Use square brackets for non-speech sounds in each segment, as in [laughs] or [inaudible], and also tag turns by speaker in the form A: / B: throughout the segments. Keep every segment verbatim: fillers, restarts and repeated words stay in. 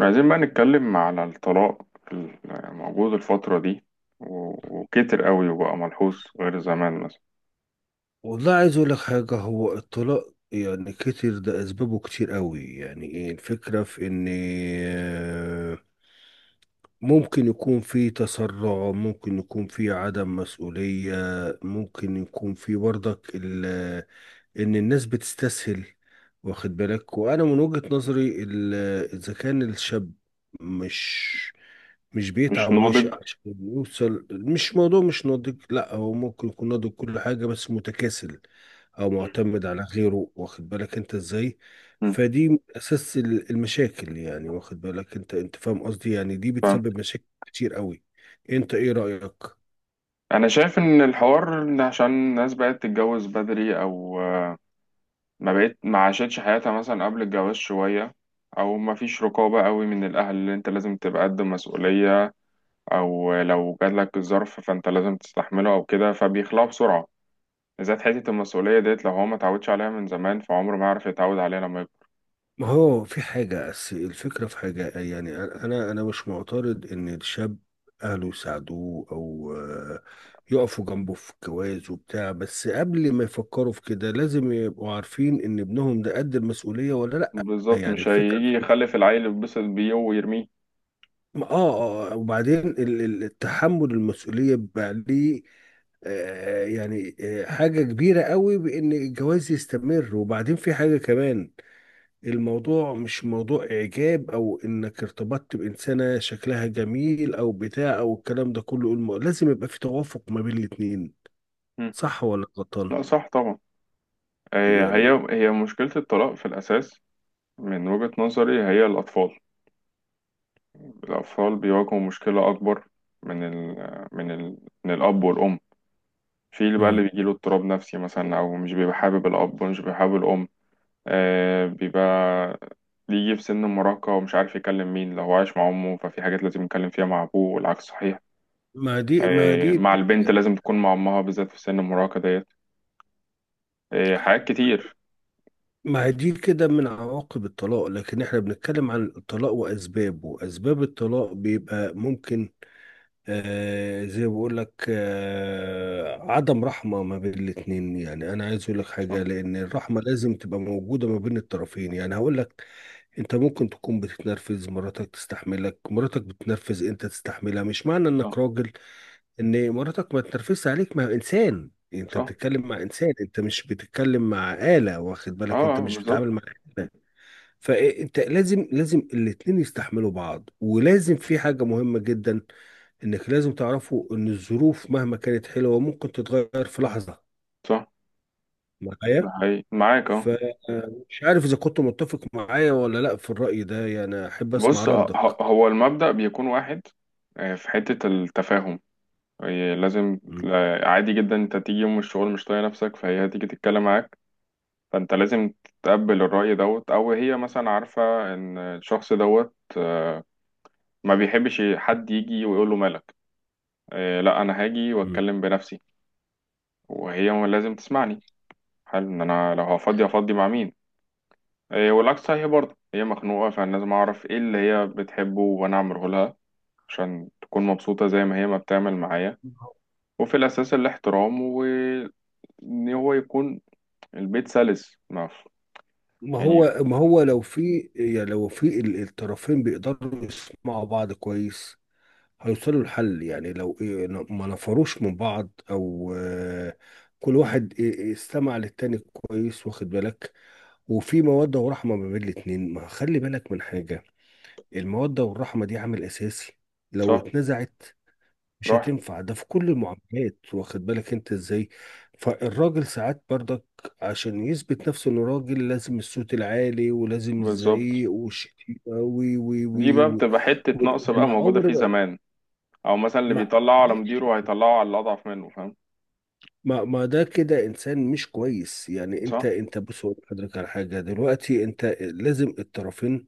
A: عايزين بقى نتكلم على الطلاق الموجود الفترة دي. و- وكتر قوي وبقى ملحوظ غير زمان مثلا.
B: والله عايز اقول لك حاجه. هو الطلاق يعني كتير، ده اسبابه كتير قوي. يعني ايه الفكره في ان آه، ممكن يكون في تسرع، ممكن يكون في عدم مسؤوليه، ممكن يكون في برضك ان الناس بتستسهل، واخد بالك؟ وانا من وجهة نظري ال- اذا كان الشاب مش مش
A: مش
B: بيتعب
A: ناضج.
B: ويشقى عشان يوصل، مش موضوع مش ناضج، لا هو ممكن يكون ناضج كل حاجة بس متكاسل او معتمد على غيره، واخد بالك انت ازاي؟
A: مم.
B: فدي من اساس ال- المشاكل يعني، واخد بالك انت؟ انت فاهم قصدي يعني، دي
A: فأنا
B: بتسبب مشاكل كتير قوي. انت ايه رأيك؟
A: شايف إن الحوار إن عشان الناس بقت تتجوز بدري، أو آه، ما بقت ما عاشتش حياتها مثلا قبل الجواز شوية، أو ما فيش رقابة قوي من الأهل اللي أنت لازم تبقى قد مسؤولية، أو لو جاتلك الظرف فأنت لازم تستحمله أو كده فبيخلعوا بسرعة. إذا حتة المسؤولية ديت لو هو ما اتعودش عليها من زمان فعمره ما يعرف يتعود عليها. لما
B: ما هو في حاجة أس- الفكرة في حاجة، يعني أنا أنا مش معترض إن الشاب أهله يساعدوه أو آه، يقفوا جنبه في الجواز وبتاع، بس قبل ما يفكروا في كده لازم يبقوا عارفين إن ابنهم ده قد المسؤولية ولا لأ.
A: بالظبط
B: يعني
A: مش
B: الفكرة
A: هيجي
B: في إيه؟
A: يخلف العيل يتبسط بيه ويرميه.
B: آه آه آه، وبعدين ال- ال- التحمل المسؤولية بيبقى ليه آه، يعني آه، حاجة كبيرة قوي، بإن الجواز يستمر. وبعدين في حاجة كمان، الموضوع مش موضوع إعجاب، أو إنك ارتبطت بإنسانة شكلها جميل أو بتاع أو الكلام ده كله، الم- لازم يبقى في توافق ما بين الاتنين.
A: مم.
B: صح ولا غلطان؟
A: لا، صح طبعا. هي
B: يعني
A: هي هي مشكلة الطلاق في الأساس. من وجهة نظري هي الأطفال. الأطفال بيواجهوا مشكلة أكبر من ال من ال من الأب والأم. في اللي بقى اللي
B: مم.
A: بيجيله اضطراب نفسي مثلا، أو مش بيبقى حابب الأب ومش بيبقى حابب الأم. آه بيبقى بيجي في سن المراهقة ومش عارف يكلم مين. لو هو عايش مع أمه ففي حاجات لازم يتكلم فيها مع أبوه، والعكس صحيح.
B: ما دي ما دي
A: آه، مع البنت لازم تكون مع أمها بالذات في سن المراهقة ديت. إيه، حاجات كتير.
B: ما دي كده من عواقب الطلاق، لكن احنا بنتكلم عن الطلاق وأسبابه. أسباب الطلاق بيبقى ممكن آه زي ما بقول لك، آه عدم رحمة ما بين الاتنين. يعني أنا عايز أقول لك
A: صح.
B: حاجة، لأن الرحمة لازم تبقى موجودة ما بين الطرفين. يعني هقول لك، انت ممكن تكون بتتنرفز، مراتك تستحملك، مراتك بتتنرفز انت تستحملها. مش معنى انك
A: صح.
B: راجل ان مراتك ما تتنرفزش عليك، ما هو انسان، انت
A: صح.
B: بتتكلم مع انسان، انت مش بتتكلم مع آلة، واخد
A: اه،
B: بالك؟ انت
A: آه،
B: مش
A: بالظبط.
B: بتتعامل مع آلة. فانت لازم، لازم الاتنين يستحملوا بعض. ولازم في حاجة مهمة جدا، انك لازم تعرفوا ان الظروف مهما كانت حلوة ممكن تتغير في لحظة،
A: صح. ده
B: معايا؟
A: حقيقي معاك. اه،
B: فمش عارف اذا كنت متفق معايا ولا لا في الرأي ده، يعني احب اسمع
A: بص. آه،
B: ردك.
A: ه- هو المبدأ بيكون واحد. آه، في حتة التفاهم. هي لازم لا- عادي جدا انت تيجي يوم الشغل مش طايق نفسك فهي هتيجي تتكلم معاك. فانت لازم تتقبل الرأي دوت، او هي مثلا عارفة ان الشخص دوت آه، ما بيحبش حد يجي ويقول له مالك. آه، لا، انا هاجي
B: مم.
A: واتكلم بنفسي. وهي لازم تسمعني. حل ان انا لو هفضي، هفضي مع مين؟ إيه، والعكس صحيح برضه. هي مخنوقة، فأنا لازم أعرف إيه اللي هي بتحبه وأنا أعمله لها عشان تكون مبسوطة زي ما هي ما بتعمل معايا. وفي الأساس الاحترام، وإن هو يكون البيت سلس. ما ف-
B: ما
A: يعني.
B: هو ما هو لو في، يعني لو في ال- الطرفين بيقدروا يسمعوا بعض كويس هيوصلوا لحل. يعني لو إيه ن- ما نفروش من بعض، او آه، كل واحد إيه، إيه، استمع للتاني كويس، واخد بالك؟ وفي مودة ورحمة ما بين الاتنين، ما خلي بالك من حاجة، المودة والرحمة دي عامل اساسي، لو
A: صح.
B: اتنزعت مش
A: راح.
B: هتنفع. ده في كل المعاملات، واخد بالك انت ازاي؟ فالراجل ساعات برضك عشان يثبت نفسه انه راجل لازم الصوت العالي ولازم
A: بالظبط.
B: الزعيق والشتيمة وي وي
A: دي
B: وي
A: بقى
B: و...
A: بتبقى حتة
B: و...
A: نقص بقى
B: انا
A: موجودة
B: عمري
A: فيه
B: ما،
A: زمان. أو مثلا اللي
B: ما
A: بيطلعه على
B: ماشي،
A: مديره هيطلعه على الأضعف منه، فاهم؟
B: ما ما ده كده انسان مش كويس. يعني انت
A: صح
B: انت بص أقول لحضرتك على حاجه دلوقتي، انت لازم الطرفين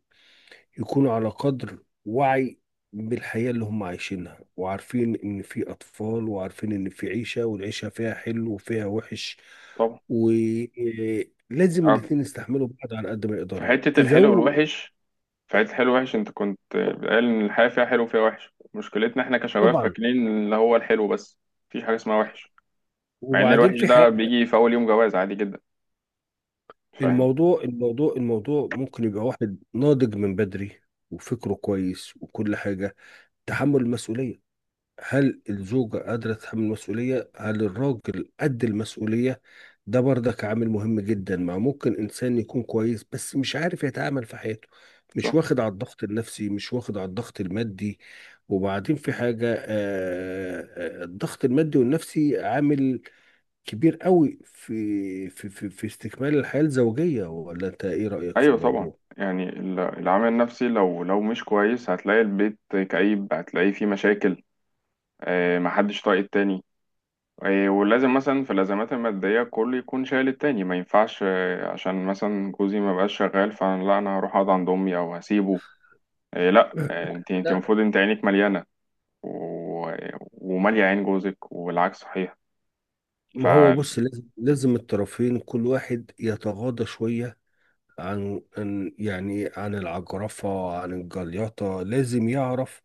B: يكونوا على قدر وعي بالحياة اللي هم عايشينها، وعارفين إن في أطفال، وعارفين إن في عيشة، والعيشة فيها حلو وفيها وحش.
A: طبعا.
B: ولازم
A: أو
B: الاتنين يستحملوا بعض على قد ما
A: في
B: يقدروا
A: حتة الحلو
B: يزود.
A: والوحش. في عيلة الحلو وحش، انت كنت قال ان الحياة فيها حلو وفيها وحش. مشكلتنا احنا كشباب
B: طبعا.
A: فاكرين اللي هو الحلو بس، مفيش حاجة اسمها وحش. مع ان
B: وبعدين
A: الوحش
B: في
A: ده
B: حاجة،
A: بيجي في اول يوم جواز عادي جدا، فاهم؟
B: الموضوع الموضوع الموضوع ممكن يبقى واحد ناضج من بدري، وفكره كويس وكل حاجة. تحمل المسؤولية، هل الزوجة قادرة تتحمل المسؤولية؟ هل الراجل قد المسؤولية؟ ده برضك عامل مهم جدا. ما ممكن إنسان يكون كويس بس مش عارف يتعامل في حياته، مش
A: صح.
B: واخد على الضغط النفسي، مش واخد على الضغط المادي. وبعدين في حاجة، آه، آه، الضغط المادي والنفسي عامل كبير قوي في في في في استكمال الحياة الزوجية. ولا أنت إيه رأيك في
A: ايوه طبعا.
B: الموضوع؟
A: يعني ال- العامل النفسي لو لو مش كويس هتلاقي البيت كئيب، هتلاقيه فيه مشاكل. اه، محدش طايق التاني. اه، ولازم مثلا في الازمات المادية كله يكون شايل التاني، ما ينفعش اه عشان مثلا جوزي ما بقاش شغال، فلا انا هروح اقعد عند امي او هسيبه. اه، لا. اه، انت انت
B: لا،
A: المفروض انت عينيك مليانة و... ومالية عين جوزك، والعكس صحيح. ف
B: ما هو بص لازم، لازم الطرفين كل واحد يتغاضى شوية عن عن- يعني عن العجرفة، عن الجليطة. لازم يعرف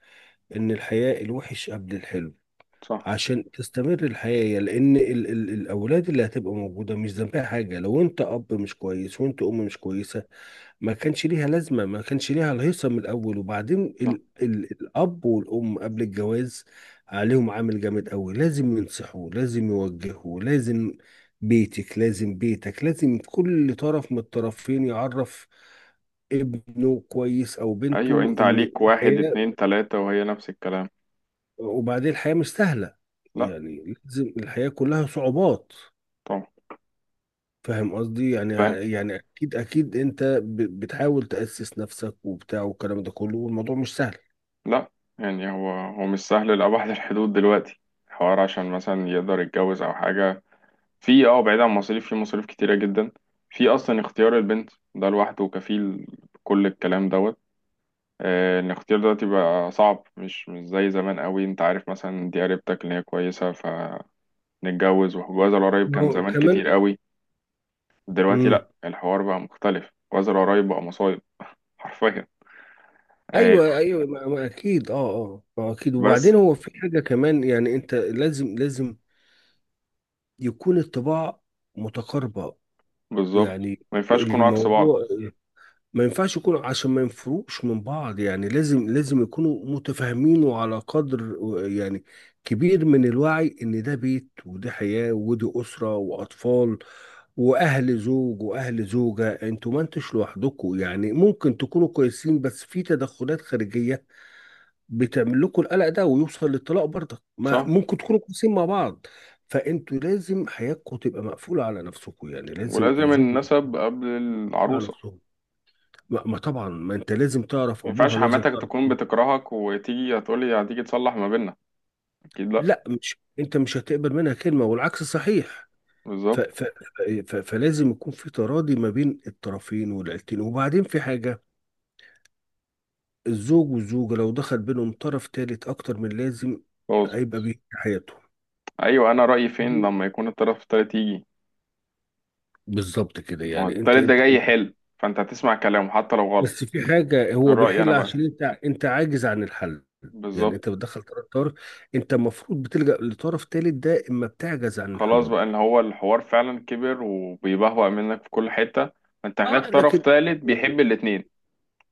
B: إن الحياة الوحش قبل الحلو
A: صح.
B: عشان تستمر الحياة. لأن ال ال الأولاد اللي هتبقى موجودة مش ذنبها حاجة، لو أنت أب مش كويس وأنت أم مش كويسة ما كانش ليها لازمة، ما كانش ليها الهيصة من الأول. وبعدين
A: صح.
B: ال ال الأب والأم قبل الجواز عليهم عامل جامد أوي. لازم ينصحوا، لازم يوجهوا، لازم بيتك لازم بيتك، لازم كل طرف من الطرفين يعرف ابنه كويس أو
A: أيوة.
B: بنته
A: أنت
B: إن
A: عليك واحد
B: الحياة،
A: اتنين تلاتة وهي نفس الكلام.
B: وبعدين الحياة مش سهلة.
A: لا.
B: يعني لازم، الحياة كلها صعوبات،
A: طبعا.
B: فاهم قصدي يعني؟
A: فاهم.
B: يعني أكيد أكيد أنت ب- بتحاول تأسس نفسك وبتاع والكلام ده كله، والموضوع مش سهل.
A: لا، يعني هو هو مش سهل لأبعد الحدود دلوقتي. الحوار عشان مثلا يقدر يتجوز أو حاجة. في اه بعيد عن مصاريف، في مصاريف كتيرة جدا. في أصلا اختيار البنت، ده لوحده كفيل بكل الكلام دوت. آه، الاختيار دلوقتي بقى صعب، مش مش زي زمان قوي. انت عارف مثلا دي قريبتك اللي هي كويسة، ف نتجوز. والجواز القريب
B: ما
A: كان
B: هو
A: زمان
B: كمان.
A: كتير قوي. دلوقتي
B: امم.
A: لا، الحوار بقى مختلف. الجواز القريب بقى مصايب حرفيا. آه،
B: ايوه ايوه، ما ما اكيد، اه اه، ما اكيد.
A: بس.
B: وبعدين هو في حاجه كمان، يعني انت لازم، لازم يكون الطباع متقاربه.
A: بالظبط،
B: يعني
A: ما ينفعش يكونوا عكس بعض.
B: الموضوع ما ينفعش يكونوا عشان ما ينفروش من بعض. يعني لازم، لازم يكونوا متفاهمين، وعلى قدر يعني كبير من الوعي، ان ده بيت، ودي حياة، ودي أسرة وأطفال، وأهل زوج وأهل زوجة. انتوا ما انتش لوحدكم، يعني ممكن تكونوا كويسين، بس في تدخلات خارجية بتعمل لكم القلق ده ويوصل للطلاق برضك. ما
A: صح.
B: ممكن تكونوا كويسين مع بعض، فانتوا لازم حياتكم تبقى مقفولة على نفسكم. يعني لازم
A: ولازم
B: الزوج
A: النسب قبل
B: يبقى على
A: العروسة.
B: نفسه. ما ما طبعا، ما انت لازم تعرف
A: ما ينفعش
B: ابوها، لازم
A: حماتك
B: تعرف.
A: تكون بتكرهك وتيجي هتقولي هتيجي تصلح ما بيننا، اكيد لا.
B: لا، مش انت مش هتقبل منها كلمه، والعكس صحيح. ف
A: بالظبط.
B: ف ف فلازم يكون في تراضي ما بين الطرفين والعيلتين. وبعدين في حاجه، الزوج والزوجه لو دخل بينهم طرف ثالث اكتر من لازم
A: خلاص.
B: هيبقى بيه حياتهم.
A: ايوه، انا رأيي فين لما يكون الطرف التالت يجي.
B: بالظبط كده،
A: ما هو
B: يعني انت
A: التالت ده
B: انت
A: جاي
B: انت،
A: يحل، فانت هتسمع كلامه حتى لو غلط.
B: بس في حاجه هو
A: الرأي انا
B: بيحل
A: بقى.
B: عشان انت انت عاجز عن الحل. يعني انت
A: بالظبط.
B: بتدخل طرف طرف، انت المفروض بتلجأ لطرف ثالث ده اما بتعجز عن
A: خلاص
B: الحلول.
A: بقى ان هو الحوار فعلا كبر وبيبهوأ منك في كل حتة. فانت محتاج
B: اه،
A: طرف
B: لكن،
A: ثالث بيحب الاتنين،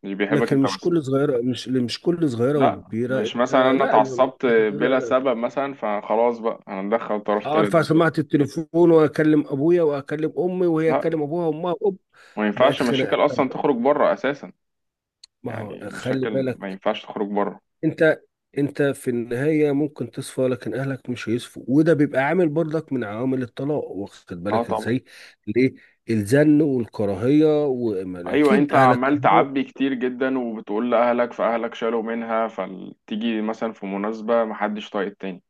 A: مش بيحبك
B: لكن
A: انت
B: مش
A: بس.
B: كل صغيره، مش مش كل صغيره
A: لا،
B: وكبيره
A: مش
B: انت،
A: مثلا انا
B: لا ما-
A: اتعصبت
B: لا
A: بلا
B: لا
A: سبب مثلا فخلاص بقى هندخل طرف ثالث
B: ارفع سماعه
A: بسرعة.
B: التليفون واكلم ابويا واكلم امي وهي
A: لا،
B: تكلم ابوها وامها وأب
A: ما
B: بقت
A: ينفعش
B: خناقه.
A: مشاكل اصلا
B: طب
A: تخرج بره اساسا.
B: ما هو
A: يعني
B: خلي
A: مشاكل ما
B: بالك،
A: ينفعش تخرج بره.
B: انت، انت في النهايه ممكن تصفى، لكن اهلك مش هيصفوا، وده بيبقى عامل برضك من عوامل الطلاق. واخد
A: اه
B: بالك
A: طبعا.
B: ازاي؟ ليه؟ الزن والكراهيه،
A: ايوه،
B: واكيد
A: انت
B: اهلك،
A: عمال تعبي كتير جدا وبتقول لاهلك، فاهلك شالوا منها، فتيجي مثلا في مناسبة محدش طايق التاني.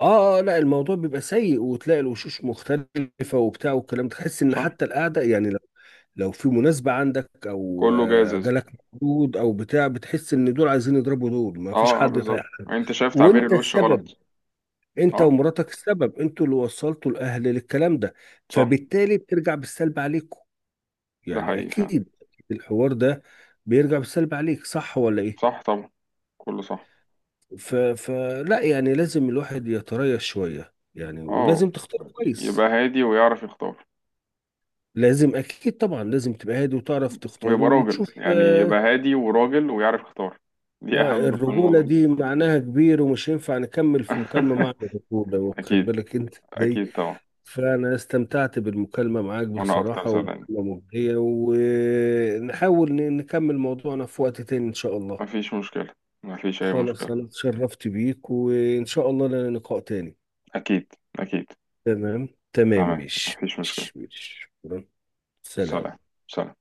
B: اه آه، لا، الموضوع بيبقى سيء. وتلاقي الوشوش مختلفة وبتاع والكلام، تحس ان
A: صح.
B: حتى القعدة، يعني لو لو في مناسبة عندك، او
A: كله
B: آه،
A: جاهز.
B: جالك مولود او بتاع، بتحس ان دول عايزين يضربوا دول، ما فيش
A: اه، آه،
B: حد
A: بالظبط.
B: فاهم.
A: يعني انت شايف تعبير
B: وانت
A: الوش
B: السبب،
A: غلط.
B: انت
A: اه.
B: ومراتك السبب، انتوا اللي وصلتوا الاهل للكلام ده.
A: صح.
B: فبالتالي بترجع بالسلب عليكم،
A: ده
B: يعني
A: حقيقي فعلا.
B: اكيد الحوار ده بيرجع بالسلب عليك. صح ولا ايه؟
A: صح طبعا. كله صح.
B: ف... فلا يعني لازم الواحد يتريث شوية، يعني
A: اه.
B: ولازم تختار كويس،
A: يبقى هادي ويعرف يختار.
B: لازم. اكيد طبعا لازم تبقى هادي وتعرف تختاره
A: ويبقى راجل،
B: وتشوف.
A: يعني
B: آه،
A: يبقى هادي وراجل ويعرف يختار. دي
B: ما
A: اهم في
B: الرجوله
A: الموضوع.
B: دي معناها كبير، ومش ينفع نكمل في مكالمه مع
A: [laughs]
B: الرجوله، واخد
A: اكيد.
B: بالك انت ازاي؟
A: اكيد طبعا.
B: فانا استمتعت بالمكالمه معاك
A: وانا اكتر
B: بصراحه،
A: صدقني.
B: ومكالمه مجديه، ونحاول ن- نكمل موضوعنا في وقت تاني ان شاء الله.
A: مفيش مشكلة. مفيش اي
B: خلاص
A: مشكلة.
B: انا اتشرفت بيك، وان شاء الله لنا لقاء تاني.
A: اكيد. اكيد.
B: تمام تمام،
A: تمام،
B: مش
A: مفيش مشكلة.
B: مش مش
A: سلام.
B: سلام.
A: سلام.